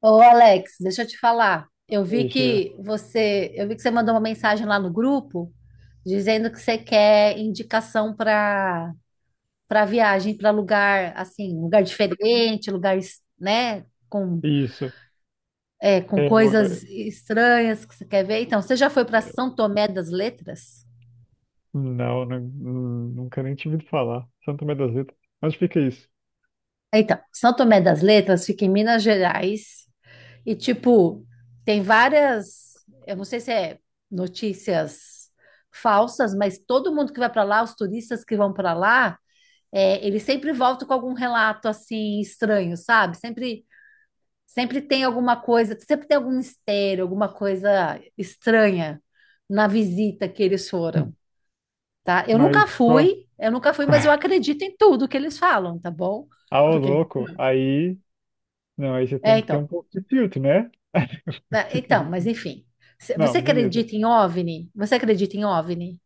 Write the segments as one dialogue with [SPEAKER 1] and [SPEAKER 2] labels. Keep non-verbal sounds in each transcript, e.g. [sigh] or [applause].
[SPEAKER 1] Ô, Alex, deixa eu te falar. Eu vi
[SPEAKER 2] Mexer.
[SPEAKER 1] que você, eu vi que você mandou uma mensagem lá no grupo dizendo que você quer indicação para viagem, para lugar assim, um lugar diferente, lugar, né, com
[SPEAKER 2] Isso.
[SPEAKER 1] é, com
[SPEAKER 2] É, eu-
[SPEAKER 1] coisas estranhas que você quer ver. Então, você já foi para
[SPEAKER 2] eu-
[SPEAKER 1] São Tomé das Letras?
[SPEAKER 2] não, nunca nem tive de falar. Santo Tomé das Letras. Onde fica isso?
[SPEAKER 1] Então, São Tomé das Letras fica em Minas Gerais. E, tipo, tem várias, eu não sei se é notícias falsas, mas todo mundo que vai para lá, os turistas que vão para lá, eles sempre voltam com algum relato assim estranho, sabe? Sempre tem alguma coisa, sempre tem algum mistério, alguma coisa estranha na visita que eles foram,
[SPEAKER 2] [laughs]
[SPEAKER 1] tá? Eu nunca
[SPEAKER 2] Mas qual,
[SPEAKER 1] fui, eu nunca fui, mas eu
[SPEAKER 2] qual...
[SPEAKER 1] acredito em tudo que eles falam, tá bom?
[SPEAKER 2] Ah, ô [laughs]
[SPEAKER 1] Porque,
[SPEAKER 2] louco, aí. Não, aí você tem que ter um
[SPEAKER 1] então,
[SPEAKER 2] pouco de filtro, né?
[SPEAKER 1] Ah, mas
[SPEAKER 2] [laughs]
[SPEAKER 1] enfim. Você
[SPEAKER 2] Não, beleza.
[SPEAKER 1] acredita em OVNI? Você acredita em OVNI?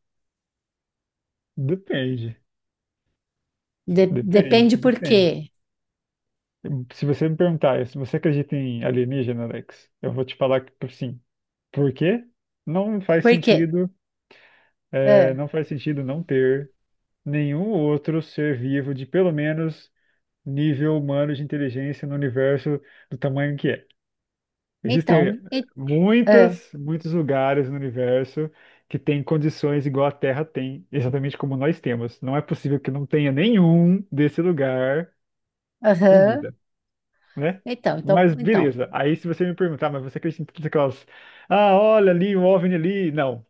[SPEAKER 2] Depende. Depende,
[SPEAKER 1] Depende por
[SPEAKER 2] depende.
[SPEAKER 1] quê.
[SPEAKER 2] Se você me perguntar, se você acredita em alienígena, Alex, eu vou te falar que sim. Por quê? Não faz
[SPEAKER 1] Por quê?
[SPEAKER 2] sentido,
[SPEAKER 1] Ah,
[SPEAKER 2] não faz sentido não ter nenhum outro ser vivo de pelo menos nível humano de inteligência no universo do tamanho que é. Existem
[SPEAKER 1] então, ah,
[SPEAKER 2] muitos lugares no universo que têm condições igual a Terra tem, exatamente como nós temos. Não é possível que não tenha nenhum desse lugar com
[SPEAKER 1] aham.
[SPEAKER 2] vida, né?
[SPEAKER 1] Então, então,
[SPEAKER 2] Mas
[SPEAKER 1] então.
[SPEAKER 2] beleza. Aí se você me perguntar, mas você acredita em todas aquelas, ah, olha ali, o OVNI ali. Não.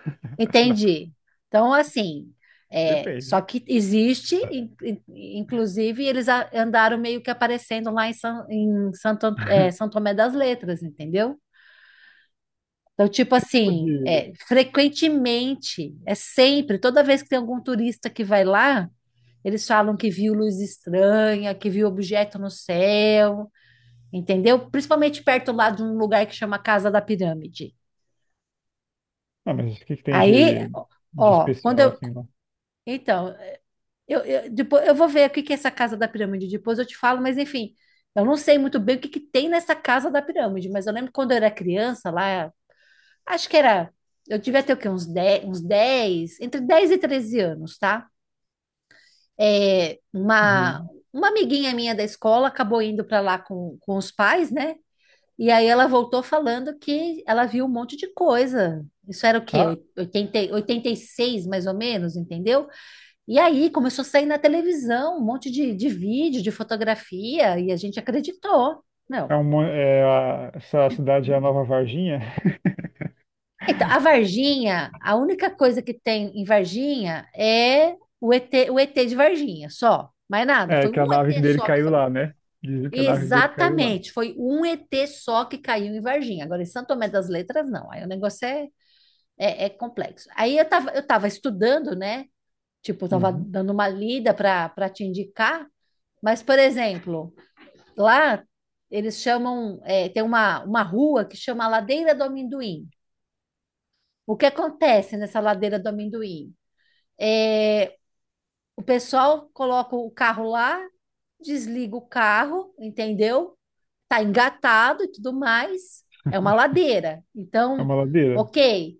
[SPEAKER 2] [laughs] Não,
[SPEAKER 1] Entendi. Então, assim, só
[SPEAKER 2] depende.
[SPEAKER 1] que existe, inclusive, eles andaram meio que aparecendo lá em, San, em Santo, An- é, São
[SPEAKER 2] [laughs]
[SPEAKER 1] Tomé das Letras, entendeu? Então, tipo
[SPEAKER 2] Que tipo
[SPEAKER 1] assim,
[SPEAKER 2] de
[SPEAKER 1] frequentemente, sempre, toda vez que tem algum turista que vai lá, eles falam que viu luz estranha, que viu objeto no céu, entendeu? Principalmente perto lá de um lugar que chama Casa da Pirâmide.
[SPEAKER 2] Ah, mas o que que tem
[SPEAKER 1] Aí,
[SPEAKER 2] de
[SPEAKER 1] ó,
[SPEAKER 2] especial assim lá?
[SPEAKER 1] então, depois eu vou ver o que que é essa Casa da Pirâmide, depois eu te falo, mas enfim, eu não sei muito bem o que que tem nessa Casa da Pirâmide, mas eu lembro que quando eu era criança lá, acho que era. Eu devia ter o quê? Uns 10, uns 10, entre 10 e 13 anos, tá? É, uma,
[SPEAKER 2] Uhum.
[SPEAKER 1] uma amiguinha minha da escola acabou indo para lá com os pais, né? E aí ela voltou falando que ela viu um monte de coisa. Isso era o
[SPEAKER 2] Ah,
[SPEAKER 1] quê? 86, mais ou menos, entendeu? E aí começou a sair na televisão um monte de vídeo, de fotografia, e a gente acreditou. Não.
[SPEAKER 2] é uma, essa cidade é a Nova Varginha. [laughs]
[SPEAKER 1] Então, a Varginha, a única coisa que tem em Varginha é o ET, o ET de Varginha, só. Mais nada.
[SPEAKER 2] É
[SPEAKER 1] Foi
[SPEAKER 2] que a
[SPEAKER 1] um
[SPEAKER 2] nave
[SPEAKER 1] ET
[SPEAKER 2] dele
[SPEAKER 1] só que
[SPEAKER 2] caiu
[SPEAKER 1] foi.
[SPEAKER 2] lá, né? Dizem que a nave dele caiu lá.
[SPEAKER 1] Exatamente, foi um ET só que caiu em Varginha. Agora, em Santo Tomé das Letras, não. Aí o negócio é complexo. Aí eu tava estudando, né? Tipo, eu tava
[SPEAKER 2] Uhum.
[SPEAKER 1] dando uma lida para te indicar. Mas, por exemplo, lá eles chamam, tem uma rua que chama Ladeira do Amendoim. O que acontece nessa ladeira do amendoim? É, o pessoal coloca o carro lá, desliga o carro, entendeu? Tá engatado e tudo mais. É uma ladeira.
[SPEAKER 2] É
[SPEAKER 1] Então,
[SPEAKER 2] uma ladeira?
[SPEAKER 1] ok.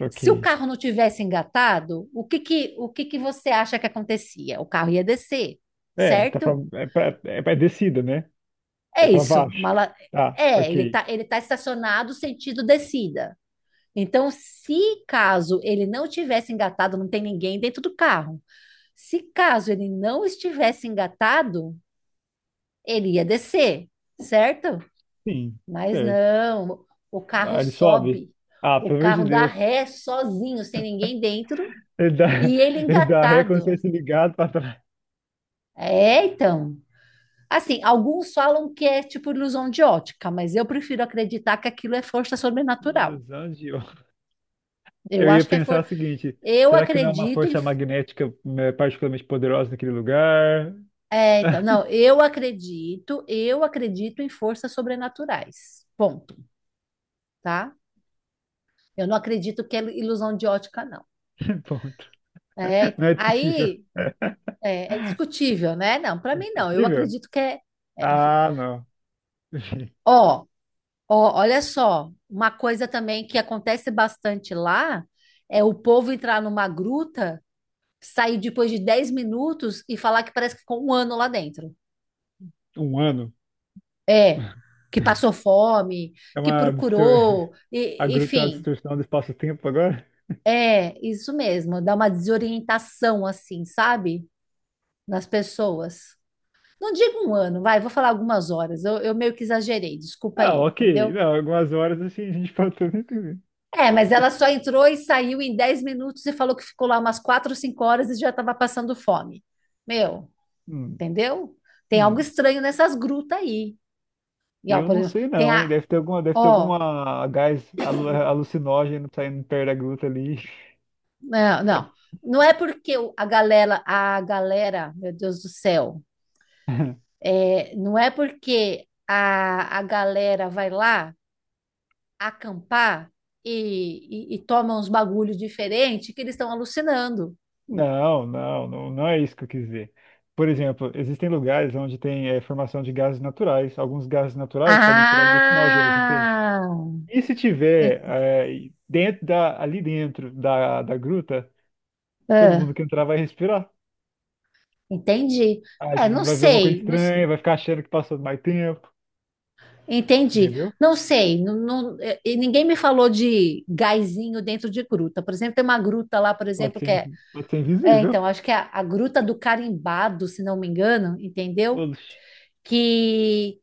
[SPEAKER 2] Ok.
[SPEAKER 1] Se o carro não tivesse engatado, o que que você acha que acontecia? O carro ia descer,
[SPEAKER 2] É, tá pra,
[SPEAKER 1] certo?
[SPEAKER 2] é descida, né? É
[SPEAKER 1] É
[SPEAKER 2] pra
[SPEAKER 1] isso.
[SPEAKER 2] baixo. Tá,
[SPEAKER 1] Ele
[SPEAKER 2] ok.
[SPEAKER 1] tá, ele tá estacionado sentido descida. Então, se caso ele não tivesse engatado, não tem ninguém dentro do carro. Se caso ele não estivesse engatado, ele ia descer, certo?
[SPEAKER 2] Sim,
[SPEAKER 1] Mas
[SPEAKER 2] certo.
[SPEAKER 1] não, o carro
[SPEAKER 2] Ah, ele sobe.
[SPEAKER 1] sobe,
[SPEAKER 2] Ah,
[SPEAKER 1] o
[SPEAKER 2] pelo amor
[SPEAKER 1] carro
[SPEAKER 2] de
[SPEAKER 1] dá
[SPEAKER 2] Deus.
[SPEAKER 1] ré sozinho, sem ninguém dentro,
[SPEAKER 2] Ele dá,
[SPEAKER 1] e ele
[SPEAKER 2] [laughs] ele dá ré como se
[SPEAKER 1] engatado.
[SPEAKER 2] fosse ligado pra trás.
[SPEAKER 1] É, então. Assim, alguns falam que é tipo ilusão de ótica, mas eu prefiro acreditar que aquilo é força sobrenatural.
[SPEAKER 2] Ilusão de
[SPEAKER 1] Eu
[SPEAKER 2] Eu ia
[SPEAKER 1] acho que é for...
[SPEAKER 2] pensar o seguinte:
[SPEAKER 1] Eu
[SPEAKER 2] será que não é uma
[SPEAKER 1] acredito em.
[SPEAKER 2] força magnética, né, particularmente poderosa naquele lugar?
[SPEAKER 1] É, então, não,
[SPEAKER 2] [laughs]
[SPEAKER 1] eu acredito em forças sobrenaturais. Ponto, tá? Eu não acredito que é ilusão de ótica, não.
[SPEAKER 2] Ponto.
[SPEAKER 1] É, então,
[SPEAKER 2] Não é discutível.
[SPEAKER 1] aí é discutível, né? Não, para
[SPEAKER 2] É
[SPEAKER 1] mim não. Eu
[SPEAKER 2] discutível?
[SPEAKER 1] acredito que enfim.
[SPEAKER 2] Ah, não. [laughs] Enfim,
[SPEAKER 1] Ó, olha só, uma coisa também que acontece bastante lá é o povo entrar numa gruta, sair depois de 10 minutos e falar que parece que ficou um ano lá dentro.
[SPEAKER 2] um ano.
[SPEAKER 1] É, que passou fome,
[SPEAKER 2] É
[SPEAKER 1] que
[SPEAKER 2] uma distor...
[SPEAKER 1] procurou,
[SPEAKER 2] a gruta é uma
[SPEAKER 1] enfim.
[SPEAKER 2] distorção do espaço-tempo agora?
[SPEAKER 1] É, isso mesmo, dá uma desorientação assim, sabe? Nas pessoas. Não digo um ano, vai, vou falar algumas horas. Eu meio que exagerei, desculpa
[SPEAKER 2] Ah,
[SPEAKER 1] aí,
[SPEAKER 2] ok.
[SPEAKER 1] entendeu?
[SPEAKER 2] Não, algumas horas assim a gente pode também entender.
[SPEAKER 1] É, mas ela só entrou e saiu em 10 minutos e falou que ficou lá umas 4 ou 5 horas e já estava passando fome. Meu,
[SPEAKER 2] Hum,
[SPEAKER 1] entendeu? Tem algo
[SPEAKER 2] hum.
[SPEAKER 1] estranho nessas grutas aí. E, ó,
[SPEAKER 2] Eu
[SPEAKER 1] por
[SPEAKER 2] não
[SPEAKER 1] exemplo,
[SPEAKER 2] sei
[SPEAKER 1] tem
[SPEAKER 2] não, hein?
[SPEAKER 1] a.
[SPEAKER 2] Deve ter
[SPEAKER 1] Ó,
[SPEAKER 2] alguma gás alucinógeno saindo perto da gruta ali.
[SPEAKER 1] não, não. Não é porque meu Deus do céu,
[SPEAKER 2] [laughs]
[SPEAKER 1] não é porque a galera vai lá acampar e tomam uns bagulhos diferentes que eles estão alucinando.
[SPEAKER 2] Não, não, não, não é isso que eu quis dizer. Por exemplo, existem lugares onde tem formação de gases naturais. Alguns gases naturais podem ser alucinógenos, entende?
[SPEAKER 1] Ah,
[SPEAKER 2] E se tiver
[SPEAKER 1] en-
[SPEAKER 2] ali dentro da, da gruta, todo
[SPEAKER 1] ah,
[SPEAKER 2] mundo que entrar vai respirar.
[SPEAKER 1] entendi.
[SPEAKER 2] Aí
[SPEAKER 1] Não
[SPEAKER 2] vai ver alguma coisa
[SPEAKER 1] sei,
[SPEAKER 2] estranha, vai ficar achando que passou mais tempo,
[SPEAKER 1] entendi.
[SPEAKER 2] entendeu?
[SPEAKER 1] Não sei, e ninguém me falou de gásinho dentro de gruta. Por exemplo, tem uma gruta lá, por
[SPEAKER 2] Pode
[SPEAKER 1] exemplo,
[SPEAKER 2] ser, pode ser invisível.
[SPEAKER 1] então, acho que é a Gruta do Carimbado, se não me engano, entendeu?
[SPEAKER 2] Oxi.
[SPEAKER 1] Que,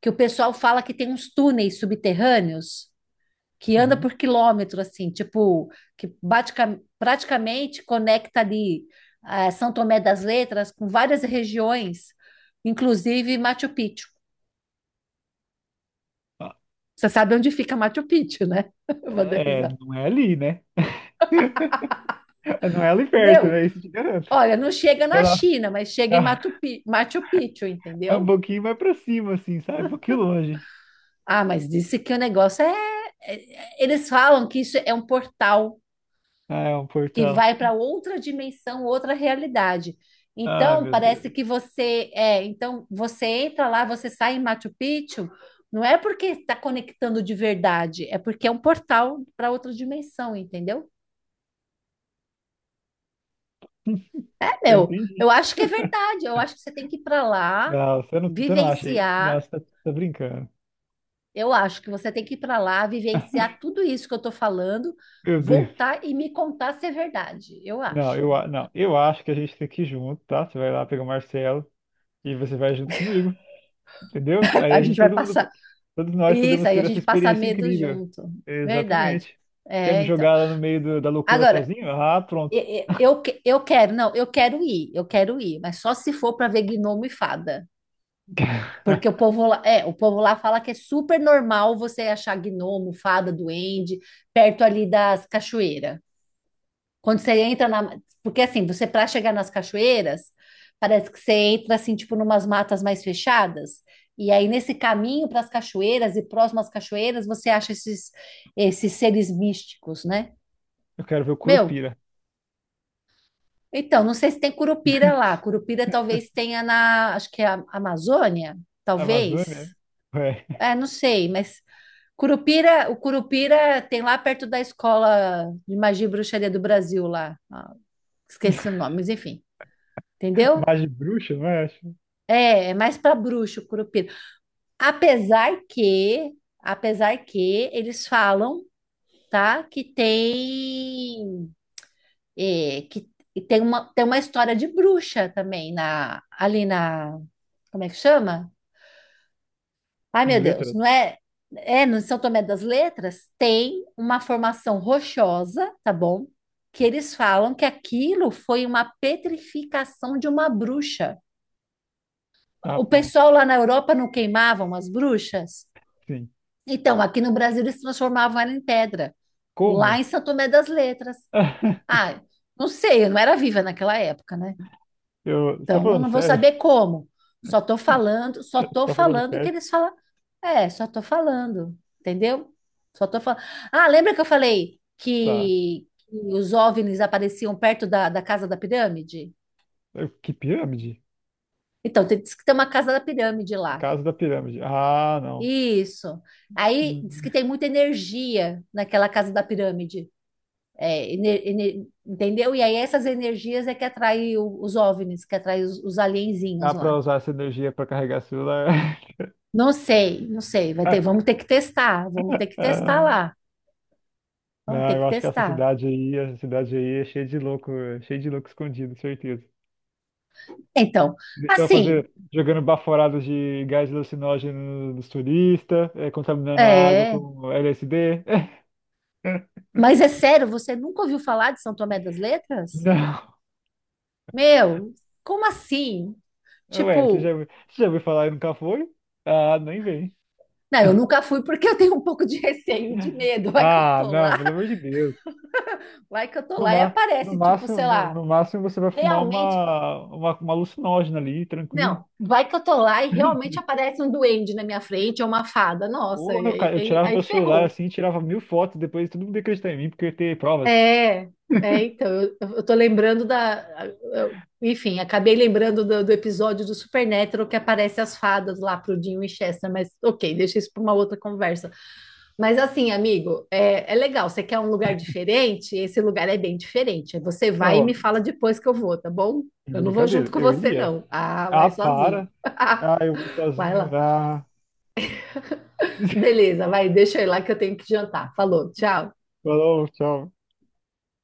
[SPEAKER 1] que o pessoal fala que tem uns túneis subterrâneos. Que anda
[SPEAKER 2] Uhum.
[SPEAKER 1] por quilômetro, assim, tipo, praticamente conecta ali São Tomé das Letras com várias regiões, inclusive Machu Picchu.
[SPEAKER 2] Ah,
[SPEAKER 1] Você sabe onde fica Machu Picchu, né? [laughs] Eu vou dar
[SPEAKER 2] é,
[SPEAKER 1] risada.
[SPEAKER 2] não é ali, né? [laughs] Não é ali perto,
[SPEAKER 1] Meu,
[SPEAKER 2] né? Isso eu te garanto.
[SPEAKER 1] olha, não chega
[SPEAKER 2] Vai
[SPEAKER 1] na
[SPEAKER 2] lá.
[SPEAKER 1] China, mas chega em
[SPEAKER 2] [laughs]
[SPEAKER 1] Machu Picchu,
[SPEAKER 2] É um
[SPEAKER 1] entendeu?
[SPEAKER 2] pouquinho mais pra cima, assim, sabe? Um pouquinho longe.
[SPEAKER 1] Ah, mas disse que o negócio é. Eles falam que isso é um portal
[SPEAKER 2] Ah, é um
[SPEAKER 1] que
[SPEAKER 2] portal.
[SPEAKER 1] vai para outra dimensão, outra realidade.
[SPEAKER 2] Ah,
[SPEAKER 1] Então,
[SPEAKER 2] meu Deus.
[SPEAKER 1] parece que você então você entra lá, você sai em Machu Picchu, não é porque está conectando de verdade, é porque é um portal para outra dimensão, entendeu? É,
[SPEAKER 2] Eu
[SPEAKER 1] meu,
[SPEAKER 2] entendi.
[SPEAKER 1] eu acho que é verdade. Eu acho que você tem que ir para lá,
[SPEAKER 2] Não, você não, você não acha aí. Não,
[SPEAKER 1] vivenciar.
[SPEAKER 2] você tá, tá brincando.
[SPEAKER 1] Eu acho que você tem que ir para lá, vivenciar tudo isso que eu estou falando,
[SPEAKER 2] Meu Deus.
[SPEAKER 1] voltar e me contar se é verdade. Eu acho.
[SPEAKER 2] Não, eu acho que a gente tem que ir junto, tá? Você vai lá pegar o Marcelo e você vai junto comigo, entendeu? Aí
[SPEAKER 1] A
[SPEAKER 2] a
[SPEAKER 1] gente
[SPEAKER 2] gente,
[SPEAKER 1] vai
[SPEAKER 2] todo mundo,
[SPEAKER 1] passar.
[SPEAKER 2] todos nós
[SPEAKER 1] Isso,
[SPEAKER 2] podemos
[SPEAKER 1] aí a
[SPEAKER 2] ter essa
[SPEAKER 1] gente passa
[SPEAKER 2] experiência
[SPEAKER 1] medo
[SPEAKER 2] incrível.
[SPEAKER 1] junto. Verdade.
[SPEAKER 2] Exatamente. Quer
[SPEAKER 1] É,
[SPEAKER 2] me
[SPEAKER 1] então.
[SPEAKER 2] jogar lá no meio da loucura
[SPEAKER 1] Agora,
[SPEAKER 2] sozinho? Ah, pronto.
[SPEAKER 1] eu quero, não, eu quero ir, mas só se for para ver gnomo e fada. Porque o
[SPEAKER 2] [laughs]
[SPEAKER 1] povo lá, é, o povo lá fala que é super normal você achar gnomo, fada, duende, perto ali das cachoeiras. Quando você entra na. Porque assim, você para chegar nas cachoeiras, parece que você entra assim, tipo, numas matas mais fechadas. E aí, nesse caminho para as cachoeiras e próximas às cachoeiras, você acha esses seres místicos, né?
[SPEAKER 2] Eu quero ver o
[SPEAKER 1] Meu,
[SPEAKER 2] Curupira.
[SPEAKER 1] então, não sei se tem Curupira lá.
[SPEAKER 2] [laughs]
[SPEAKER 1] Curupira talvez tenha na, acho que é a Amazônia,
[SPEAKER 2] Amazônia?
[SPEAKER 1] talvez.
[SPEAKER 2] Ué.
[SPEAKER 1] É, não sei, mas o Curupira tem lá perto da escola de magia e bruxaria do Brasil lá. Ah, esqueci o nome, mas enfim, entendeu?
[SPEAKER 2] Magia de bruxa, não é? Acho.
[SPEAKER 1] É mais para bruxo, Curupira. Apesar que eles falam, tá, que tem, que tem uma história de bruxa também na, ali na, como é que chama? Ai, meu
[SPEAKER 2] Em
[SPEAKER 1] Deus,
[SPEAKER 2] letras?
[SPEAKER 1] não é, é no São Tomé das Letras tem uma formação rochosa, tá bom? Que eles falam que aquilo foi uma petrificação de uma bruxa.
[SPEAKER 2] Ah,
[SPEAKER 1] O
[SPEAKER 2] pronto.
[SPEAKER 1] pessoal lá na Europa não queimavam as bruxas?
[SPEAKER 2] Sim.
[SPEAKER 1] Então, aqui no Brasil eles transformavam ela em pedra, lá
[SPEAKER 2] Como?
[SPEAKER 1] em São Tomé das Letras.
[SPEAKER 2] [laughs]
[SPEAKER 1] Ah, não sei, eu não era viva naquela época, né?
[SPEAKER 2] Eu... Você tá
[SPEAKER 1] Então, eu
[SPEAKER 2] falando
[SPEAKER 1] não vou
[SPEAKER 2] sério?
[SPEAKER 1] saber como. Só
[SPEAKER 2] [laughs]
[SPEAKER 1] tô
[SPEAKER 2] Tá falando
[SPEAKER 1] falando o que
[SPEAKER 2] sério?
[SPEAKER 1] eles falam. É, só tô falando, entendeu? Só tô falando. Ah, lembra que eu falei
[SPEAKER 2] Tá.
[SPEAKER 1] que os OVNIs apareciam perto da casa da pirâmide?
[SPEAKER 2] Que pirâmide?
[SPEAKER 1] Então, diz que tem uma casa da pirâmide lá.
[SPEAKER 2] Caso da pirâmide. Ah, não.
[SPEAKER 1] Isso. Aí diz
[SPEAKER 2] Hum,
[SPEAKER 1] que tem muita energia naquela casa da pirâmide. É, entendeu? E aí essas energias é que atrai os OVNIs, que atrai os alienzinhos
[SPEAKER 2] dá pra
[SPEAKER 1] lá.
[SPEAKER 2] usar essa energia pra carregar celular?
[SPEAKER 1] Não sei, não sei, vai ter,
[SPEAKER 2] [laughs]
[SPEAKER 1] vamos ter que testar, vamos ter que testar
[SPEAKER 2] Ah,
[SPEAKER 1] lá, vamos
[SPEAKER 2] não,
[SPEAKER 1] ter que
[SPEAKER 2] eu acho que
[SPEAKER 1] testar.
[SPEAKER 2] essa cidade aí é cheia de louco, é cheia de louco escondido, certeza.
[SPEAKER 1] Então,
[SPEAKER 2] Eles estão
[SPEAKER 1] assim,
[SPEAKER 2] fazendo, jogando baforados de gás alucinógeno nos turistas, é, contaminando a água
[SPEAKER 1] é,
[SPEAKER 2] com LSD. [laughs]
[SPEAKER 1] mas é sério, você nunca ouviu falar de São Tomé das Letras?
[SPEAKER 2] Não.
[SPEAKER 1] Meu, como assim?
[SPEAKER 2] Ué,
[SPEAKER 1] Tipo,
[SPEAKER 2] você já ouviu falar e nunca foi? Ah, nem vem.
[SPEAKER 1] não, eu nunca fui porque eu tenho um pouco de receio, de medo, vai que eu
[SPEAKER 2] Ah,
[SPEAKER 1] tô
[SPEAKER 2] não,
[SPEAKER 1] lá,
[SPEAKER 2] pelo amor de Deus.
[SPEAKER 1] vai que eu tô lá e
[SPEAKER 2] No
[SPEAKER 1] aparece, tipo,
[SPEAKER 2] máximo,
[SPEAKER 1] sei lá,
[SPEAKER 2] no máximo você vai fumar
[SPEAKER 1] realmente
[SPEAKER 2] uma alucinógena ali, tranquilo.
[SPEAKER 1] não, vai que eu tô lá e realmente aparece um duende na minha frente ou uma fada. Nossa,
[SPEAKER 2] Ou,
[SPEAKER 1] e
[SPEAKER 2] meu
[SPEAKER 1] aí,
[SPEAKER 2] cara, eu tirava
[SPEAKER 1] aí
[SPEAKER 2] meu celular
[SPEAKER 1] ferrou.
[SPEAKER 2] assim, tirava mil fotos, depois todo mundo ia acreditar em mim porque eu ia ter provas.
[SPEAKER 1] É, então, eu tô lembrando da. Enfim, acabei lembrando do episódio do Supernatural que aparece as fadas lá pro Dean Winchester, mas ok, deixa isso para uma outra conversa. Mas assim, amigo, é legal, você quer um lugar diferente? Esse lugar é bem diferente. Aí você
[SPEAKER 2] Não,
[SPEAKER 1] vai e
[SPEAKER 2] ó,
[SPEAKER 1] me fala depois que eu vou, tá bom?
[SPEAKER 2] de
[SPEAKER 1] Eu não vou junto
[SPEAKER 2] brincadeira,
[SPEAKER 1] com
[SPEAKER 2] eu
[SPEAKER 1] você,
[SPEAKER 2] iria.
[SPEAKER 1] não. Ah,
[SPEAKER 2] Ah,
[SPEAKER 1] vai sozinho.
[SPEAKER 2] para.
[SPEAKER 1] [laughs]
[SPEAKER 2] Ah, eu vou
[SPEAKER 1] Vai
[SPEAKER 2] sozinho,
[SPEAKER 1] lá.
[SPEAKER 2] vá. [laughs]
[SPEAKER 1] Beleza, vai, deixa eu ir lá que eu tenho que jantar. Falou, tchau.
[SPEAKER 2] Falou, tchau.